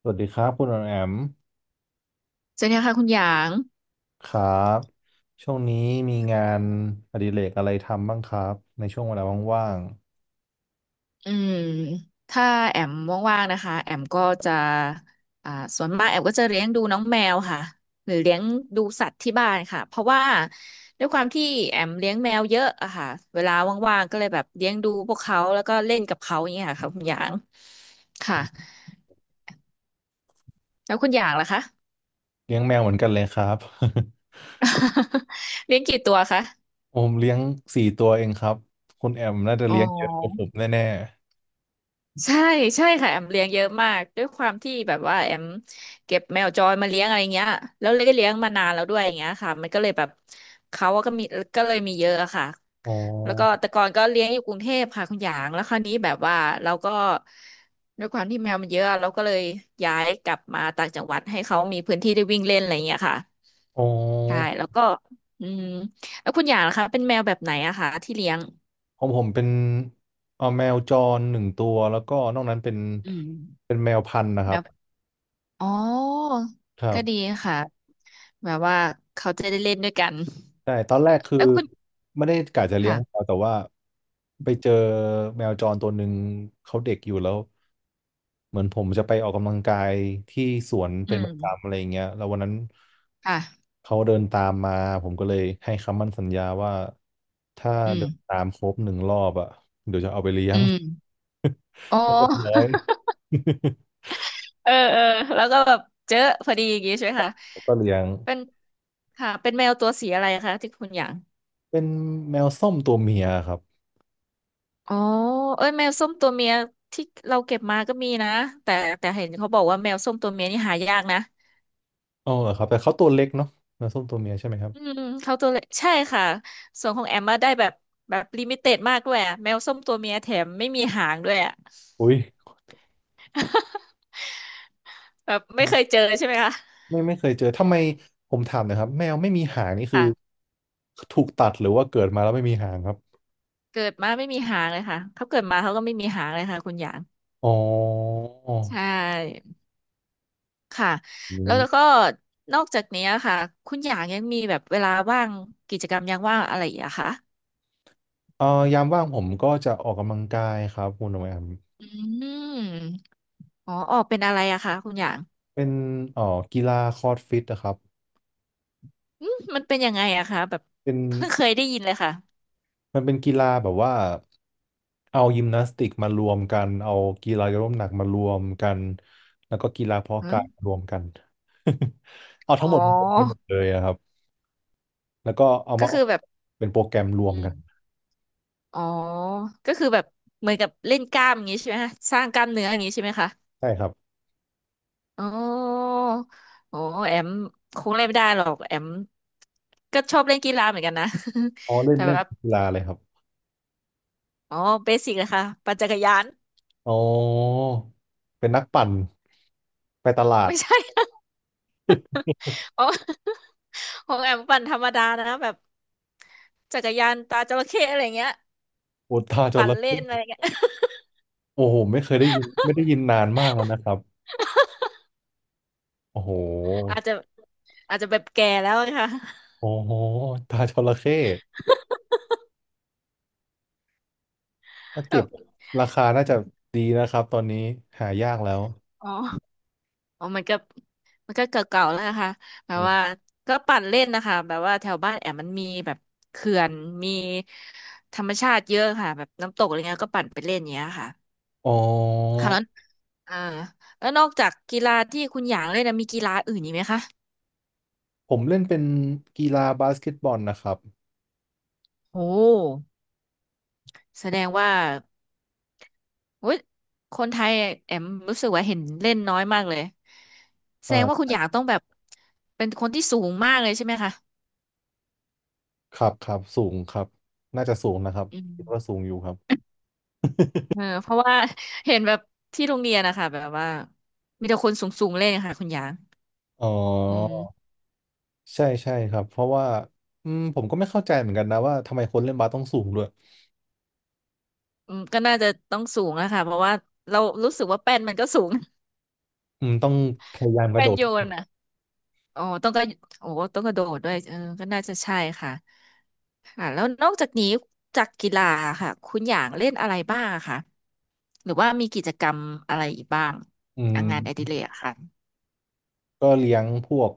สวัสดีครับคุณออมแอมสวัสดีค่ะคุณหยางครับช่วงนี้มีงานอดิเรกอะไรทำบ้างครับในช่วงเวลาว่างอืมถ้าแอมว่างๆนะคะแอมก็จะอ่าส่วนมากแอมก็จะเลี้ยงดูน้องแมวค่ะหรือเลี้ยงดูสัตว์ที่บ้านค่ะเพราะว่าด้วยความที่แอมเลี้ยงแมวเยอะอะค่ะเวลาว่างๆก็เลยแบบเลี้ยงดูพวกเขาแล้วก็เล่นกับเขาอย่างเงี้ยค่ะคุณหยางค่ะแล้วคุณหยางล่ะคะ ๆเลี้ยงแมวเหมือนกันเลยครับ เลี้ยงกี่ตัวคะ ผมเลี้ยงสี่ตัวเองครับคุณแอมน่าจะอ๋เลี้ยงเยอะกว่าผอ มแน่ใช่ใช่ค่ะแอมเลี้ยงเยอะมากด้วยความที่แบบว่าแอมเก็บแมวจรมาเลี้ยงอะไรเงี้ยแล้วเลยได้เลี้ยงมานานแล้วด้วยอย่างเงี้ยค่ะมันก็เลยแบบเขาก็มีก็เลยมีเยอะอะค่ะๆอ๋อแล้วก็แต่ก่อนก็เลี้ยงอยู่กรุงเทพค่ะคุณหยางแล้วคราวนี้แบบว่าเราก็ด้วยความที่แมวมันเยอะเราก็เลยย้ายกลับมาต่างจังหวัดให้เขามีพื้นที่ได้วิ่งเล่นอะไรเงี้ยค่ะอ๋อใช่แล้วก็อืมแล้วคุณหยางนะคะเป็นแมวแบบไหนอะคะที่เลี้ยงของผมเป็นเอาแมวจรหนึ่งตัวแล้วก็นอกนั้นเป็นอืม แมวพันธุ์นะครับอ๋อครัก็บดีค่ะแบบว่าเขาจะได้เล่นด้วยกันใช่ตอนแรกคือแล้วคุณไม่ได้กะจะเลี้ยงแมค่ะวแต่ว่าไปเจอแมวจรตัวหนึ่งเขาเด็กอยู่แล้ว เหมือนผมจะไปออกกำลังกายที่สวนอืเป็นปมระจำอะไรอย่างเงี้ยแล้ววันนั้นค่ะเขาเดินตามมาผมก็เลยให้คำมั่นสัญญาว่าถ้าอืมเดินตามครบหนึ่งรอบอ่ะ อืมอ๋อ ก็เรียบร้อย เออเออแล้วก็แบบเจอพอดีอย่างงี้ใช่ไหมคะ ก็เลี้ยงเป็นค่ะเป็นแมวตัวสีอะไรคะที่คุณอยากเป็นแมวส้มตัวเมียครับอ๋อเอ้ยแมวส้มตัวเมียที่เราเก็บมาก็มีนะแต่แต่เห็นเขาบอกว่าแมวส้มตัวเมียนี่หายากนะ อ๋อเหรอครับแต่เขาตัวเล็กเนาะแมวส้มตัวเมียใช่ไหมครับอืมเขาตัวเล็กใช่ค่ะส่วนของแอมมาได้แบบแบบลิมิเต็ดมากด้วยอะแมวส้มตัวเมียแถมไม่มีหางด้วยอะ อุ้ย แบบไม่เคยเจอใช่ไหมคะไม่เคยเจอทำไมผมถามหนะครับแมวไม่มีหางนี่คือค่ะถูกตัดหรือว่าเกิดมาแล้วไม่มีหางครับเกิดมาไม่มีหางเลยค่ะเขาเกิดมาเขาก็ไม่มีหางเลยค่ะคุณหยางอ๋อ ใช่ค่ะแล้วแล้วก็นอกจากนี้ค่ะคุณหยางยังมีแบบเวลาว่างกิจกรรมยามว่างอะไรอีกอะคะเอ่อยามว่างผมก็จะออกกำลังกายครับคุณโอแอมอืมอ๋อออกเป็นอะไรอะคะคุณหยางเป็นเอ่อกีฬาคอร์ดฟิตนะครับมันเป็นยังไงอะคะแบบเป็นเพิ่งเคยได้ยินเลยค่ะมันเป็นกีฬาแบบว่าเอายิมนาสติกมารวมกันเอากีฬายกน้ำหนักมารวมกันแล้วก็กีฬาเพาะฮะกายมารวมกัน เอาอ๋ทั้งหมดมารวมกันหอ มดเลยอะครับแล้วก็เอาก็มาออคืกอแบบเป็นโปรแกรมรวมอืกัมนอ๋อก็คือแบบเหมือนกับเล่นกล้ามอย่างนี้ใช่ไหมคะสร้างกล้ามเนื้ออย่างนี้ใช่ไหมคะใช่ครับอ๋อโอ้แอมคงเล่นไม่ได้หรอกแอมก็ชอบเล่นกีฬาเหมือนกันนะ อ๋อ เล่นแต่เล่แบนบกีฬาเลยครับอ๋อเบสิกเลยค่ะปั่นจักรยาน อ๋อเป็นนักปั่นไปตลาดไม่ใช่ อ๋อของแอมปั่นธรรมดานะแบบจักรยานตาจระเข้อะไรเงี้ยอุตตาจปั่นระเล่นอะไรเข้ เงี้ย โอ้โหไม่เคยได้ยินไม่ได้ยินนานมากแล้วนะครับโอ้โหอาจจะอาจจะแบบแก่แล้วอะค่ะ โอ้โหตาจระเข้ถ้า แบเก็บบราคาน่าจะดีนะครับตอนนี้หายากแล้วอ๋อ อ๋อมันก็มันก็เก่าๆแล้วนะคะแบบอมว่าก็ปั่นเล่นนะคะ แบบว่าแถวบ้านแอมมันมีแบบเขื่อนมีธรรมชาติเยอะค่ะแบบน้ำตกอะไรเงี้ยก็ปั่นไปเล่นอย่างเงี้ยค่ะ อ๋อค่ะแล้วอ่าแล้วนอกจากกีฬาที่คุณหยางเล่นนะมีกีฬาอื่นอีกไหมคะผมเล่นเป็นกีฬาบาสเกตบอลนะครับโหแสดงว่าโอ้ยคนไทยแอมรู้สึกว่าเห็นเล่นน้อยมากเลยแสอ่ดงว่าคุณาหยางต้องแบบเป็นคนที่สูงมากเลยใช่ไหมคะ ครับครับสูงครับน่าจะสูงนะครับอืม คิดว่าสูงอยู่ครับเออเพราะว่า เห็นแบบที่โรงเรียนนะคะแบบว่ามีแต่คนสูงๆเล่นค่ะคุณหยางอ๋ออืมใช่ใช่ครับเพราะว่าอืมผมก็ไม่เข้าใจเหมือนกันนะว่าทำไมคนเล่นบาสต้องสูงด้วยก็น่าจะต้องสูงอะค่ะเพราะว่าเรารู้สึกว่าแป้นมันก็สูง อืมต้องพยายาม กระแป้โดนดโยนอะอ๋อต้องก็โอ้ต้องกระโดดด้วยเออก็น่าจะใช่ค่ะค่ะแล้วนอกจากนี้จากกีฬาค่ะคุณหยางเล่นอะไรบ้างอะคะหรือว่ามีกิจกรรมอะไรอีกบ้างอือ่ะมงานอดิเรกอะค่ะก็เลี้ยงพวก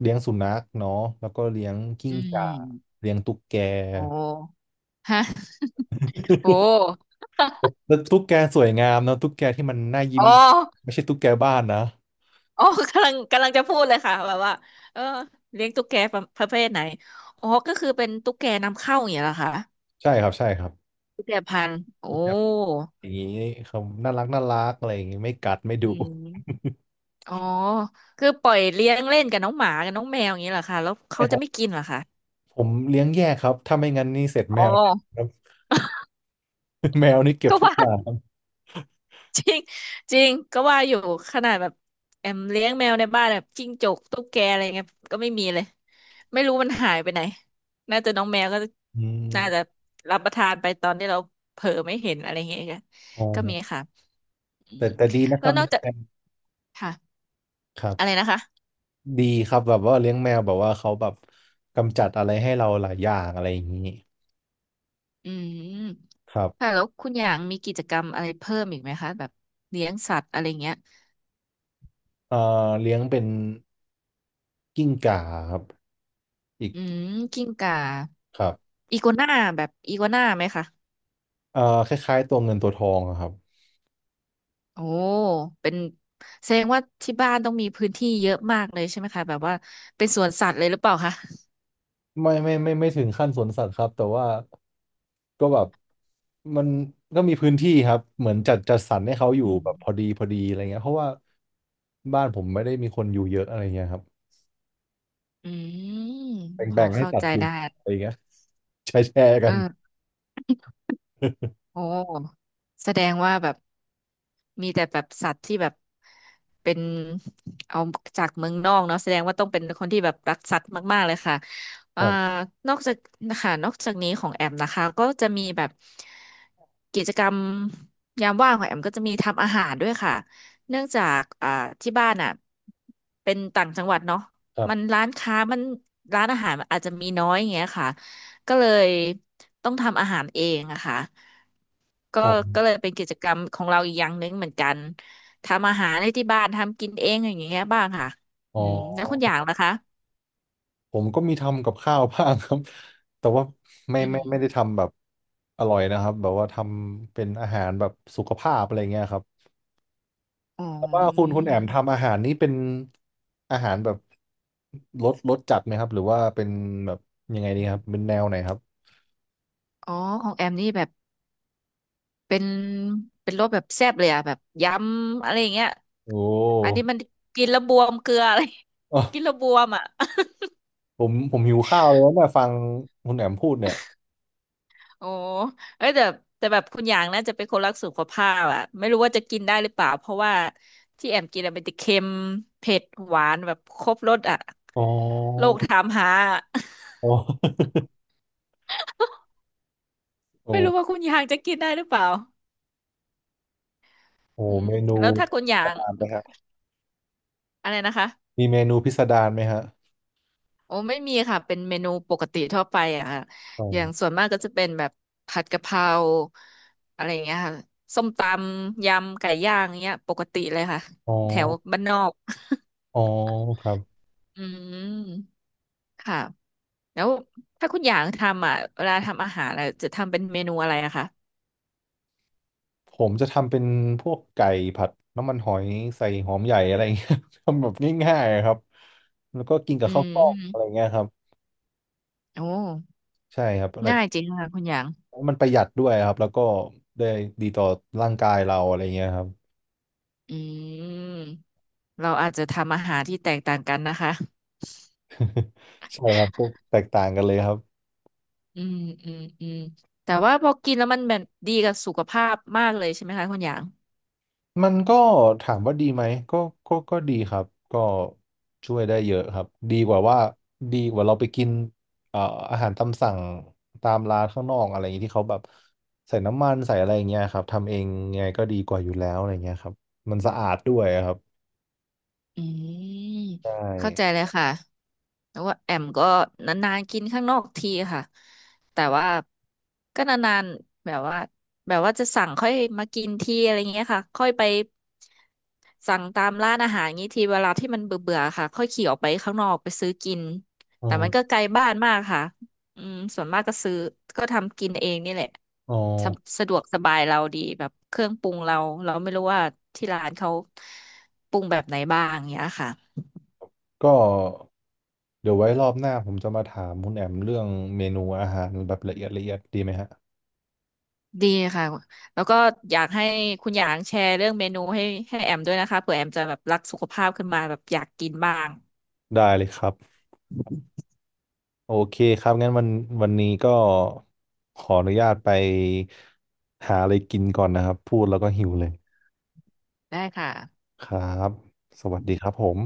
เลี้ยงสุนัขเนาะแล้วก็เลี้ยงกิ้อืงก่ามเลี้ยงตุ๊กแก โอ้ฮะโอ ้แล้วตุ๊กแกสวยงามนะตุ๊กแกที่มันน่ายิ้อ๋มอ ไม่ใช่ตุ๊กแกบ้านนะอ๋อ กำลังกำลังจะพูดเลยค่ะแบบว่าเออเลี้ยงตุ๊กแกประประเภทไหนอ๋อก็คือเป็นตุ๊กแกนำเข้าอย่างเงี้ยเหรอคะใช่ครับใช่ครับตุ๊กแกพันธุ์โอ้ตุ๊กแกอย่างนี้เขาน่ารักน่ารักอะไรอย่างนี้ไม่กัดไม่ดุอืมอ๋อคือปล่อยเลี้ยงเล่นกับน้องหมากับน้องแมวอย่างเงี้ยเหรอคะแล้วใช่เขาคจะรับ ไม่กินเหรอคะ ผมเลี้ยงแยกครับถ้าไม่งั้นนี่เสร็จอ๋แมอว แน่ครับ แมวนี่เก็บก็ทุกว่า อย่างครับจริงก็ว่าอยู่ขนาดแบบแอมเลี้ยงแมวในบ้านแบบจิ้งจกตุ๊กแกอะไรเงี้ยก็ไม่มีเลยไม่รู้มันหายไปไหนน่าจะน้องแมวก็อืมน่าจะรับประทานไปตอนที่เราเผลอไม่เห็นอะไรเงี้ยก็อ๋อก็มีค่ะอืมแต่ดีนะคแล้รัวบนอเลี้กยงจากแมวค่ะครัอะไรบนะคะดีครับแบบว่าเลี้ยงแมวแบบว่าเขาแบบกำจัดอะไรให้เราหลายอย่างอะไรอย่างนี้อืมครัค่ะบ แล้วคุณอย่างมีกิจกรรมอะไรเพิ่มอีกไหมคะแบบเลี้ยงสัตว์อะไรเงี้ยเอ่อเลี้ยงเป็นกิ้งก่าครับอีกอืมกิ้งก่าครับอีกัวน่าแบบอีกัวน่าไหมคะ เอ่อคล้ายๆตัวเงินตัวทองอะครับโอ้ เป็นแสดงว่าที่บ้านต้องมีพื้นที่เยอะมากเลยใช่ไหมคะแบบว่าเป็นสวนสัตว์เลยหรือเปล่าคะ ไม่ถึงขั้นสวนสัตว์ครับแต่ว่าก็แบบมันก็มีพื้นที่ครับเหมือนจัดสรรให้เขาอยู่อืมแบบพอดีพอดีอะไรเงี้ยเพราะว่าบ้านผมไม่ได้มีคนอยู่เยอะอะไรเงี้ยครับอืมพอแบ่งให้เข้าสัตใจว์อยู่ได้อะไรเงี้ยแชร์เอกันอ โอ้แสดงว่าแบบมีแต่แบบสัตว์ที่แบบเป็นเอาจากเมืองนอกเนาะแสดงว่าต้องเป็นคนที่แบบรักสัตว์มากๆเลยค่ะคอ่ารับนอกจากนะคะนอกจากนี้ของแอมนะคะก็จะมีแบบกิจกรรมยามว่างของแอมก็จะมีทำอาหารด้วยค่ะเนื่องจากที่บ้านอ่ะเป็นต่างจังหวัดเนาะครัมันบร้านอาหารมันอาจจะมีน้อยอย่างเงี้ยค่ะก็เลยต้องทำอาหารเองอะค่ะ ก็อ๋อก็เลยเป็นกิจกรรมของเราอีกอย่างหนึ่งเหมือนกันทำอาหารในที่บ้านทำกินเองอย่างเงี้ยบ้างค่ะอ๋อืมแล้วอ คุณอย่างล่ะคะผมก็มีทำกับข้าวบ้างครับ แต่ว่าอืมไม่ได้ทำแบบอร่อยนะครับแบบว่าทำเป็นอาหารแบบสุขภาพอะไรเงี้ยครับอ๋แต่ว่าอคุณแอมทำอาหารนี้เป็นอาหารแบบรสจัดไหมครับหรือว่าเป็นแบบยังไงดีครับเป็นแนวไหนครับอ๋อของแอมนี่แบบเป็นเป็นรสแบบแซ่บเลยอะแบบยำอะไรอย่างเงี้ยโอ้ อันนี้มันกินแล้วบวมเกลืออะไร อ๋อ กินแล้วบวมอ่ะ ผมหิวข้าวแล้วเนี่ยฟังคุณแอมพูดเนี่ยโอ้เอ้ยแต่แบบคุณอยางน่าจะเป็นคนรักสุขภาพอะไม่รู้ว่าจะกินได้หรือเปล่าเพราะว่าที่แอมกินอะเป็นแต่เค็มเผ็ดหวานแบบครบรสอะอ๋อโลกถามหา อะอ๋อ โอ้ไม่รู้ว่าคุณอยางจะกินได้หรือเปล่าโอ้อืมเมนูแล้วถ้าคุณอยาตงามไปครับอะไรนะคะมีเมนูพิสดารไหมฮะโอ้ไม่มีค่ะเป็นเมนูปกติทั่วไปอะค่ะอ๋ออย่างส่วนมากก็จะเป็นแบบผัดกะเพราอะไรอย่างเงี้ยค่ะส้มตำยำไก่ย่างเงี้ยปกติเลยค่ะอ๋อแถวบ้านนอก อ๋อครับ อืมค่ะแล้วถ้าคุณอยางทำอ่ะเวลาทำอาหารอะจะทำเป็นเมนูอะไรอะคะผมจะทำเป็นพวกไก่ผัดน้ำมันหอยใส่หอมใหญ่อะไรเงี้ย ทำแบบง่ายๆอะครับแล้วก็กินกับอืข้าวกล้องอะไรมเงี้ยครับโอ้ใช่ครับอะไรง่ายจริงค่ะคุณหยางมันประหยัดด้วยครับแล้วก็ได้ดีต่อร่างกายเราอะไรเงี้ยครับอืมเราอาจจะทำอาหารที่แตกต่างกันนะคะใช่ครับพวกแตกต่างกันเลยครับ อืมอืมอืมแต่ว่าพอกินแล้วมันแบบดีกับสุขภาพมากเลยใช่ไหมคะคุณหยาง มันก็ถามว่าดีไหมก็ดีครับก็ช่วยได้เยอะครับดีกว่าว่าดีกว่าเราไปกินเอ่ออาหารตามสั่งตามร้านข้างนอกอะไรอย่างนี้ที่เขาแบบใส่น้ำมันใส่อะไรอย่างเงี้ยครับทำเองไงก็ดีกว่าอยู่แล้วอะไรเงี้ยครับมันสะอาดด้วยครับอืมใชเข้าใจเล่ยค่ะแต่ว่าแอมก็นานๆกินข้างนอกทีค่ะแต่ว่าก็นานๆแบบว่าจะสั่งค่อยมากินทีอะไรเงี้ยค่ะค่อยไปสั่งตามร้านอาหารงี้ทีเวลาที่มันเบื่อๆค่ะค่อยขี่ออกไปข้างนอกไปซื้อกินอ๋อแต่มันก็ไกลบ้านมากค่ะ อืมส่วนมากก็ซื้อก็ทำกินเองนี่แหละอ๋อสะสะดวกสบายเราดีแบบเครื่องปรุงเราไม่รู้ว่าที่ร้านเขาปรุงแบบไหนบ้างอย่างเนี้ยค่ะก็เดี๋ยวไว้รอบหน้าผมจะมาถามคุณแอมเรื่องเมนูอาหารแบบละเอียดละเอียดดีไหมฮะดีค่ะแล้วก็อยากให้คุณหยางแชร์เรื่องเมนูให้แอมด้วยนะคะเผื่อแอมจะแบบรักสุขภาพขึ้นมาแบบอยากกินบ้างได้เลยครับ โอเคครับงั้นวันนี้ก็ขออนุญาตไปหาอะไรกินก่อนนะครับพูดแล้วก็หิวเลยได้ค่ะครับสวัสดีครับผม